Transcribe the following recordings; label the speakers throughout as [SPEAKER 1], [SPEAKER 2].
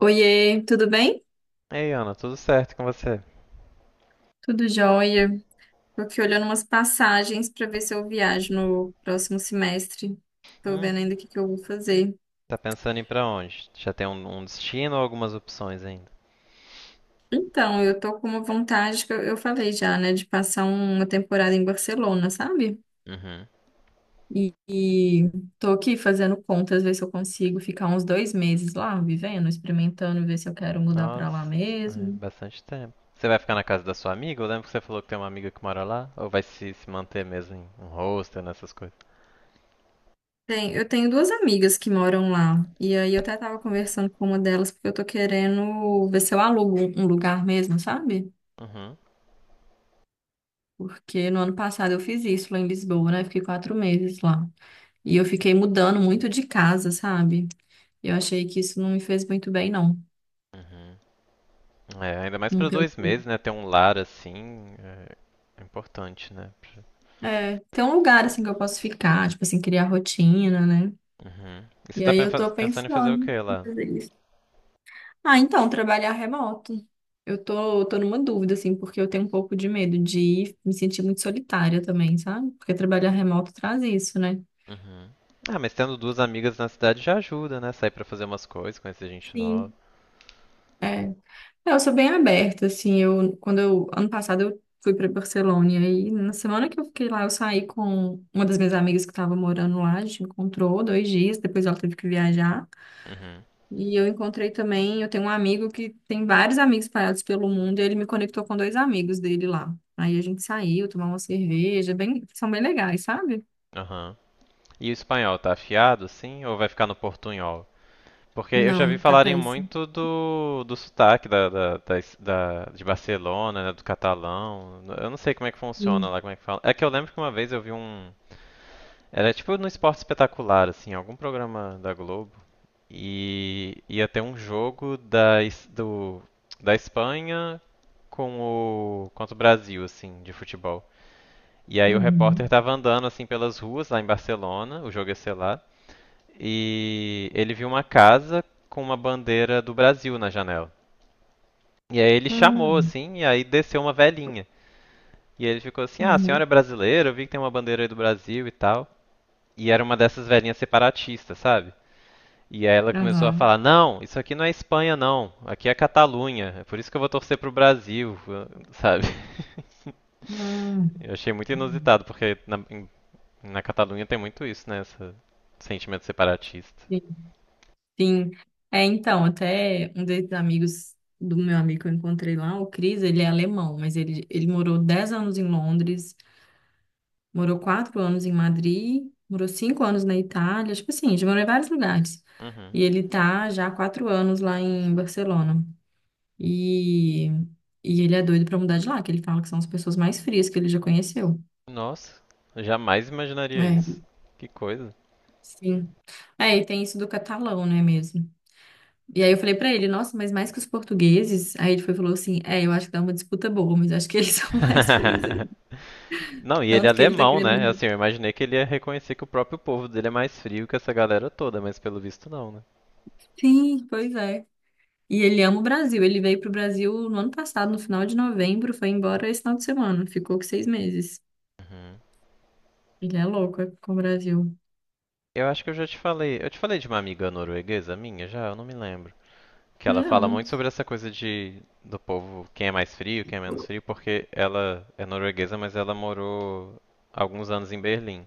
[SPEAKER 1] Oiê, tudo bem?
[SPEAKER 2] Ei, Ana, tudo certo com você?
[SPEAKER 1] Tudo jóia. Tô aqui olhando umas passagens para ver se eu viajo no próximo semestre. Tô
[SPEAKER 2] Hum,
[SPEAKER 1] vendo ainda o que que eu vou fazer.
[SPEAKER 2] tá pensando em ir pra onde? Já tem um destino ou algumas opções ainda?
[SPEAKER 1] Então, eu tô com uma vontade que eu falei já, né, de passar uma temporada em Barcelona, sabe?
[SPEAKER 2] Uhum.
[SPEAKER 1] E tô aqui fazendo contas, ver se eu consigo ficar uns 2 meses lá, vivendo, experimentando, ver se eu quero mudar para lá
[SPEAKER 2] Nossa, é
[SPEAKER 1] mesmo.
[SPEAKER 2] bastante tempo. Você vai ficar na casa da sua amiga? Eu lembro que você falou que tem uma amiga que mora lá. Ou vai se manter mesmo em um hostel, nessas coisas?
[SPEAKER 1] Tem, eu tenho duas amigas que moram lá. E aí eu até tava conversando com uma delas porque eu tô querendo ver se eu alugo um lugar mesmo, sabe?
[SPEAKER 2] Uhum.
[SPEAKER 1] Porque no ano passado eu fiz isso lá em Lisboa, né? Fiquei 4 meses lá. E eu fiquei mudando muito de casa, sabe? Eu achei que isso não me fez muito bem, não.
[SPEAKER 2] Uhum. É, ainda mais
[SPEAKER 1] Não
[SPEAKER 2] pra
[SPEAKER 1] ter,
[SPEAKER 2] dois meses, né? Ter um lar assim é importante, né?
[SPEAKER 1] é, ter um lugar assim que eu posso ficar, tipo assim, criar rotina, né?
[SPEAKER 2] Uhum. E você
[SPEAKER 1] E
[SPEAKER 2] tá
[SPEAKER 1] aí eu tô
[SPEAKER 2] pensando em fazer o que
[SPEAKER 1] pensando em
[SPEAKER 2] lá?
[SPEAKER 1] fazer isso. Ah, então, trabalhar remoto. Eu tô numa dúvida, assim, porque eu tenho um pouco de medo de ir, me sentir muito solitária também, sabe? Porque trabalhar remoto traz isso, né?
[SPEAKER 2] Uhum. Ah, mas tendo duas amigas na cidade já ajuda, né? Sair pra fazer umas coisas, conhecer gente nova.
[SPEAKER 1] Sim. É. É, eu sou bem aberta, assim, ano passado eu fui para Barcelona, e aí, na semana que eu fiquei lá, eu saí com uma das minhas amigas que estava morando lá, a gente encontrou 2 dias, depois ela teve que viajar.
[SPEAKER 2] Uhum.
[SPEAKER 1] E eu encontrei também, eu tenho um amigo que tem vários amigos espalhados pelo mundo, e ele me conectou com dois amigos dele lá. Aí a gente saiu, tomou uma cerveja, bem, são bem legais, sabe?
[SPEAKER 2] Aham. E o espanhol tá afiado, assim, ou vai ficar no portunhol? Porque eu já vi
[SPEAKER 1] Não, tá
[SPEAKER 2] falarem
[SPEAKER 1] péssimo.
[SPEAKER 2] muito do sotaque de Barcelona, né, do catalão. Eu não sei como é que funciona
[SPEAKER 1] Sim.
[SPEAKER 2] lá, como é que fala. É que eu lembro que uma vez eu vi um. Era tipo no Esporte Espetacular, assim, algum programa da Globo. E ia ter um jogo da Espanha com contra o Brasil, assim, de futebol. E aí o repórter
[SPEAKER 1] Uhum.
[SPEAKER 2] tava andando, assim, pelas ruas lá em Barcelona, o jogo ia ser lá e ele viu uma casa com uma bandeira do Brasil na janela. E aí ele chamou
[SPEAKER 1] Hum.
[SPEAKER 2] assim, e aí desceu uma velhinha. E ele ficou assim: "Ah, a senhora é
[SPEAKER 1] Uhum.
[SPEAKER 2] brasileira, eu vi que tem uma bandeira aí do Brasil e tal". E era uma dessas velhinhas separatistas, sabe? E aí ela começou a
[SPEAKER 1] Aham.
[SPEAKER 2] falar: "Não, isso aqui não é Espanha não, aqui é Catalunha. É por isso que eu vou torcer pro Brasil", sabe?
[SPEAKER 1] Hum.
[SPEAKER 2] Eu achei muito
[SPEAKER 1] Hum.
[SPEAKER 2] inusitado, porque na Catalunha tem muito isso, né? Esse sentimento separatista.
[SPEAKER 1] Sim. É, então, até um desses amigos do meu amigo que eu encontrei lá, o Cris, ele é alemão, mas ele morou 10 anos em Londres. Morou 4 anos em Madrid, morou 5 anos na Itália, tipo assim, já morou em vários lugares.
[SPEAKER 2] Uhum.
[SPEAKER 1] E ele tá já há 4 anos lá em Barcelona. E, e ele é doido pra mudar de lá, que ele fala que são as pessoas mais frias que ele já conheceu.
[SPEAKER 2] Nossa, jamais imaginaria isso.
[SPEAKER 1] É,
[SPEAKER 2] Que coisa.
[SPEAKER 1] sim. É, e tem isso do catalão, né, mesmo. E aí eu falei pra ele, nossa, mas mais que os portugueses? Aí ele foi e falou assim, é, eu acho que dá uma disputa boa, mas acho que eles são mais frios aí.
[SPEAKER 2] Não, e ele é
[SPEAKER 1] Tanto que ele tá
[SPEAKER 2] alemão, né?
[SPEAKER 1] querendo...
[SPEAKER 2] Assim, eu imaginei que ele ia reconhecer que o próprio povo dele é mais frio que essa galera toda, mas pelo visto não, né?
[SPEAKER 1] Sim, pois é. E ele ama o Brasil. Ele veio pro Brasil no ano passado, no final de novembro, foi embora esse final de semana. Ficou com 6 meses.
[SPEAKER 2] Uhum.
[SPEAKER 1] Ele é louco com o Brasil.
[SPEAKER 2] Eu acho que eu já te falei. Eu te falei de uma amiga norueguesa minha já? Eu não me lembro. Que ela fala
[SPEAKER 1] Não.
[SPEAKER 2] muito sobre essa coisa de do povo, quem é mais frio, quem é menos frio, porque ela é norueguesa, mas ela morou alguns anos em Berlim.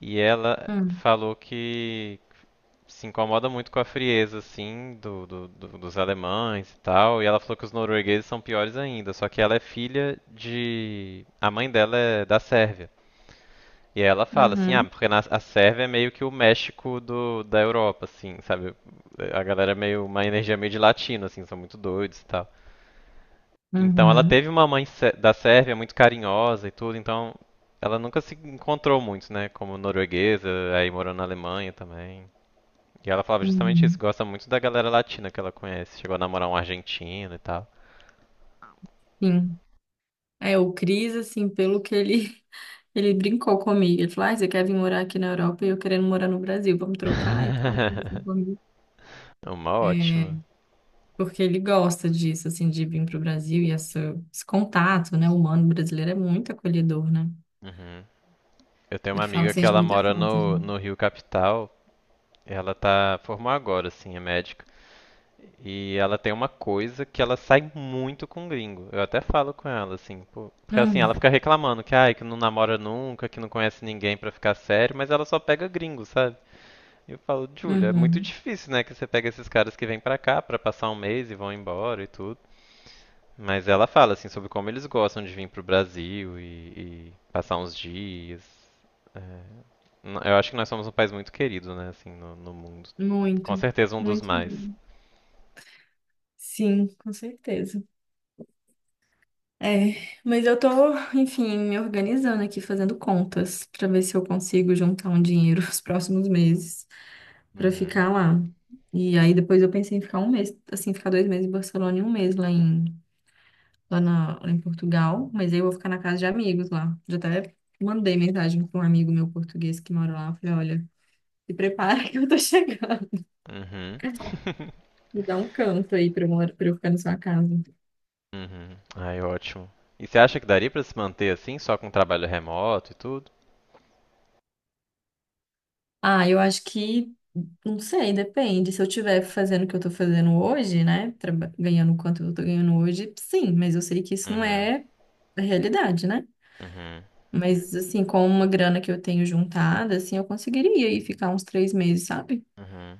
[SPEAKER 2] E ela
[SPEAKER 1] Hum.
[SPEAKER 2] falou que se incomoda muito com a frieza, assim, dos alemães e tal. E ela falou que os noruegueses são piores ainda. Só que ela é filha de. A mãe dela é da Sérvia. E ela fala assim: ah,
[SPEAKER 1] Uhum.
[SPEAKER 2] porque na- a Sérvia é meio que o México da Europa, assim, sabe? A galera é meio. Uma energia meio de latino, assim, são muito doidos e tal. Então ela
[SPEAKER 1] Uhum.
[SPEAKER 2] teve uma mãe da Sérvia muito carinhosa e tudo, então ela nunca se encontrou muito, né? Como norueguesa, aí morou na Alemanha também. E ela falava justamente isso,
[SPEAKER 1] Uhum.
[SPEAKER 2] gosta muito da galera latina que ela conhece. Chegou a namorar um argentino e tal.
[SPEAKER 1] Sim. É, o Cris, assim, pelo que ele, ele brincou comigo. Ele falou, ah, você quer vir morar aqui na Europa e eu querendo morar no Brasil. Vamos trocar e tal. Eu falei assim, "Vamos."
[SPEAKER 2] Uma
[SPEAKER 1] É,
[SPEAKER 2] ótima.
[SPEAKER 1] porque ele gosta disso, assim, de vir pro Brasil e essa, esse contato, né? O humano brasileiro é muito acolhedor, né?
[SPEAKER 2] Uhum. Eu tenho uma
[SPEAKER 1] Ele fala
[SPEAKER 2] amiga
[SPEAKER 1] que
[SPEAKER 2] que
[SPEAKER 1] sente
[SPEAKER 2] ela
[SPEAKER 1] muita
[SPEAKER 2] mora
[SPEAKER 1] falta.
[SPEAKER 2] no Rio Capital. Ela tá formou agora, assim, é médica. E ela tem uma coisa que ela sai muito com gringo. Eu até falo com ela, assim, pô. Porque assim, ela
[SPEAKER 1] Hum,
[SPEAKER 2] fica reclamando que, ai, que não namora nunca, que não conhece ninguém pra ficar sério, mas ela só pega gringo, sabe? Eu falo, Júlia, é muito
[SPEAKER 1] uhum.
[SPEAKER 2] difícil, né, que você pega esses caras que vêm pra cá pra passar um mês e vão embora e tudo. Mas ela fala, assim, sobre como eles gostam de vir pro Brasil e passar uns dias. É, eu acho que nós somos um país muito querido, né, assim, no mundo. Com
[SPEAKER 1] Muito,
[SPEAKER 2] certeza um dos
[SPEAKER 1] muito.
[SPEAKER 2] mais.
[SPEAKER 1] Sim, com certeza. É, mas eu tô, enfim, me organizando aqui, fazendo contas, pra ver se eu consigo juntar um dinheiro os próximos meses pra
[SPEAKER 2] Uhum.
[SPEAKER 1] ficar lá. E aí depois eu pensei em ficar um mês, assim, ficar 2 meses em Barcelona e um mês lá em, lá em Portugal, mas aí eu vou ficar na casa de amigos lá. Já até mandei mensagem pra um amigo meu português que mora lá, falei, olha, se prepara que eu tô chegando.
[SPEAKER 2] Uhum.
[SPEAKER 1] Me dá um canto aí pra eu, mor- pra eu ficar na sua casa.
[SPEAKER 2] Uhum. Ai, ótimo. E você acha que daria pra se manter assim, só com trabalho remoto e tudo?
[SPEAKER 1] Ah, eu acho que, não sei, depende. Se eu estiver fazendo o que eu tô fazendo hoje, né? Ganhando o quanto eu tô ganhando hoje, sim, mas eu sei que isso não
[SPEAKER 2] Uhum.
[SPEAKER 1] é a realidade, né?
[SPEAKER 2] Uhum.
[SPEAKER 1] Mas, assim, com uma grana que eu tenho juntada, assim, eu conseguiria ir ficar uns 3 meses, sabe?
[SPEAKER 2] Uhum.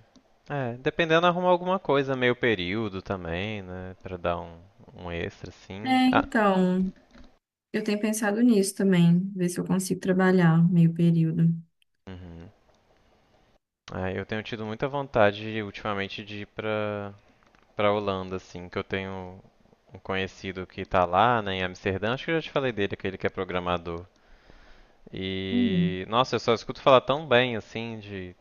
[SPEAKER 2] É, dependendo arruma alguma coisa, meio período também, né? Pra dar um, um extra, assim.
[SPEAKER 1] É,
[SPEAKER 2] Ah,
[SPEAKER 1] então, eu tenho pensado nisso também, ver se eu consigo trabalhar meio período.
[SPEAKER 2] uhum. Ah, eu tenho tido muita vontade ultimamente de ir pra Holanda, assim, que eu tenho um conhecido que tá lá, né, em Amsterdã. Acho que eu já te falei dele, aquele que é programador.
[SPEAKER 1] Uhum.
[SPEAKER 2] E, nossa, eu só escuto falar tão bem, assim,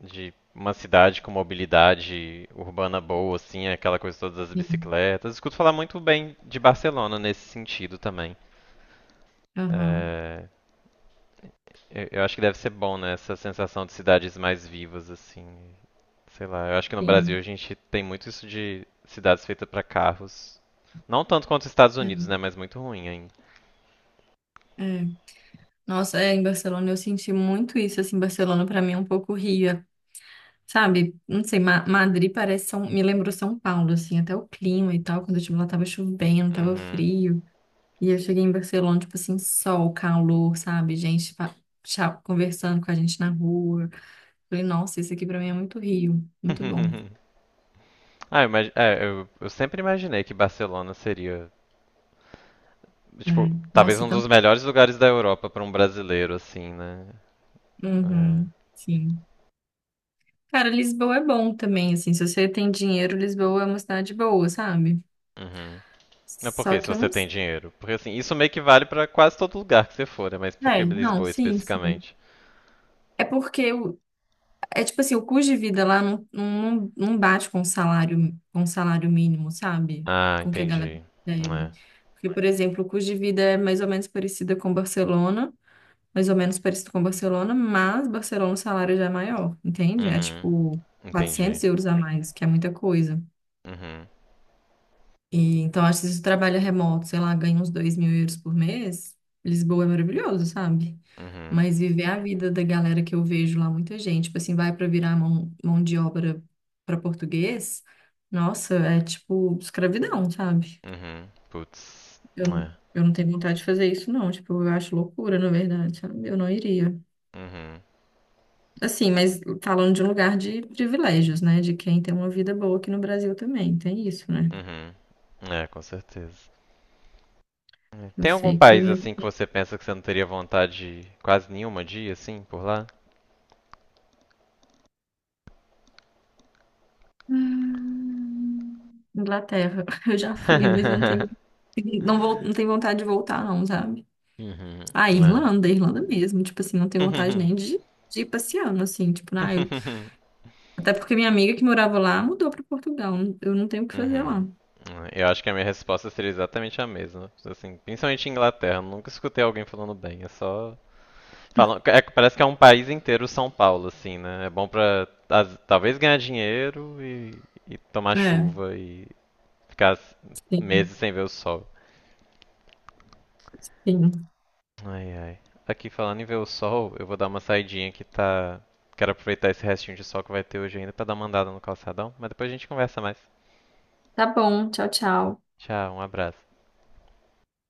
[SPEAKER 2] de uma cidade com mobilidade urbana boa, assim, aquela coisa todas as
[SPEAKER 1] Sim.
[SPEAKER 2] bicicletas. Escuto falar muito bem de Barcelona nesse sentido também.
[SPEAKER 1] Aham,
[SPEAKER 2] É, eu acho que deve ser bom, né? Essa sensação de cidades mais vivas, assim. Sei lá, eu acho que no Brasil
[SPEAKER 1] sim.
[SPEAKER 2] a gente tem muito isso de cidades feitas para carros. Não tanto quanto os Estados Unidos, né? Mas muito ruim ainda.
[SPEAKER 1] É. É. Nossa, é, em Barcelona eu senti muito isso, assim, Barcelona pra mim é um pouco Rio, sabe? Não sei, Madrid parece São, me lembrou São Paulo, assim, até o clima e tal, quando eu estive lá tava chovendo, tava
[SPEAKER 2] Uhum.
[SPEAKER 1] frio, e eu cheguei em Barcelona, tipo assim, sol, calor, sabe? Gente conversando com a gente na rua, falei, nossa, isso aqui pra mim é muito Rio, muito bom.
[SPEAKER 2] Ah, eu sempre imaginei que Barcelona seria,
[SPEAKER 1] É,
[SPEAKER 2] tipo, talvez
[SPEAKER 1] nossa,
[SPEAKER 2] um
[SPEAKER 1] então,
[SPEAKER 2] dos melhores lugares da Europa para um brasileiro, assim, né? É.
[SPEAKER 1] uhum, sim. Cara, Lisboa é bom também, assim, se você tem dinheiro, Lisboa é uma cidade boa, sabe?
[SPEAKER 2] Uhum. Mas por
[SPEAKER 1] Só
[SPEAKER 2] quê? Se
[SPEAKER 1] que eu
[SPEAKER 2] você
[SPEAKER 1] não.
[SPEAKER 2] tem dinheiro? Porque assim, isso meio que vale para quase todo lugar que você for, né? Mas por que
[SPEAKER 1] É, não,
[SPEAKER 2] Lisboa
[SPEAKER 1] sim, sim.
[SPEAKER 2] especificamente?
[SPEAKER 1] É porque é tipo assim, o custo de vida lá não, não, não bate com o salário mínimo, sabe?
[SPEAKER 2] Ah,
[SPEAKER 1] Com que a galera
[SPEAKER 2] entendi.
[SPEAKER 1] recebe.
[SPEAKER 2] É.
[SPEAKER 1] Porque, por exemplo, o custo de vida é mais ou menos parecida com Barcelona, mais ou menos parecido com Barcelona, mas Barcelona o salário já é maior, entende? É
[SPEAKER 2] Uhum.
[SPEAKER 1] tipo
[SPEAKER 2] Entendi.
[SPEAKER 1] 400 euros a mais, que é muita coisa.
[SPEAKER 2] Uhum.
[SPEAKER 1] E, então, acho que se você trabalha remoto, sei lá, ganha uns 2 mil euros por mês, Lisboa é maravilhoso, sabe?
[SPEAKER 2] Uhum.
[SPEAKER 1] Mas viver a vida da galera que eu vejo lá, muita gente, tipo assim, vai para virar mão de obra para português, nossa, é tipo escravidão, sabe?
[SPEAKER 2] Uhum. Putz.
[SPEAKER 1] Eu,
[SPEAKER 2] É.
[SPEAKER 1] eu não tenho vontade de fazer isso, não. Tipo, eu acho loucura, na verdade, sabe? Eu não iria.
[SPEAKER 2] Uhum.
[SPEAKER 1] Assim, mas falando de um lugar de privilégios, né? De quem tem uma vida boa aqui no Brasil também, tem isso, né?
[SPEAKER 2] Uhum. É, com certeza.
[SPEAKER 1] Eu
[SPEAKER 2] Tem algum
[SPEAKER 1] sei que.
[SPEAKER 2] país assim que você pensa que você não teria vontade quase nenhuma de ir assim por lá?
[SPEAKER 1] Inglaterra. Eu já fui, mas eu não tenho, não vou, não tenho vontade de voltar, não, sabe?
[SPEAKER 2] Uhum.
[SPEAKER 1] Ah,
[SPEAKER 2] É.
[SPEAKER 1] Irlanda, Irlanda mesmo. Tipo assim, não tenho vontade
[SPEAKER 2] Uhum.
[SPEAKER 1] nem de, de ir passeando, assim. Tipo, ah, até porque minha amiga que morava lá mudou para Portugal. Eu não tenho o que fazer
[SPEAKER 2] Uhum.
[SPEAKER 1] lá.
[SPEAKER 2] É, eu acho que a minha resposta seria exatamente a mesma. Assim, principalmente em Inglaterra, eu nunca escutei alguém falando bem, é só falam, parece que é um país inteiro São Paulo, assim, né? É bom pra talvez ganhar dinheiro e tomar
[SPEAKER 1] É,
[SPEAKER 2] chuva e ficar
[SPEAKER 1] sim,
[SPEAKER 2] meses sem ver o sol.
[SPEAKER 1] sim.
[SPEAKER 2] Ai, ai. Aqui falando em ver o sol, eu vou dar uma saidinha que tá. Quero aproveitar esse restinho de sol que vai ter hoje ainda pra dar uma andada no calçadão, mas depois a gente conversa mais.
[SPEAKER 1] Tá bom, tchau, tchau.
[SPEAKER 2] Tchau, um abraço.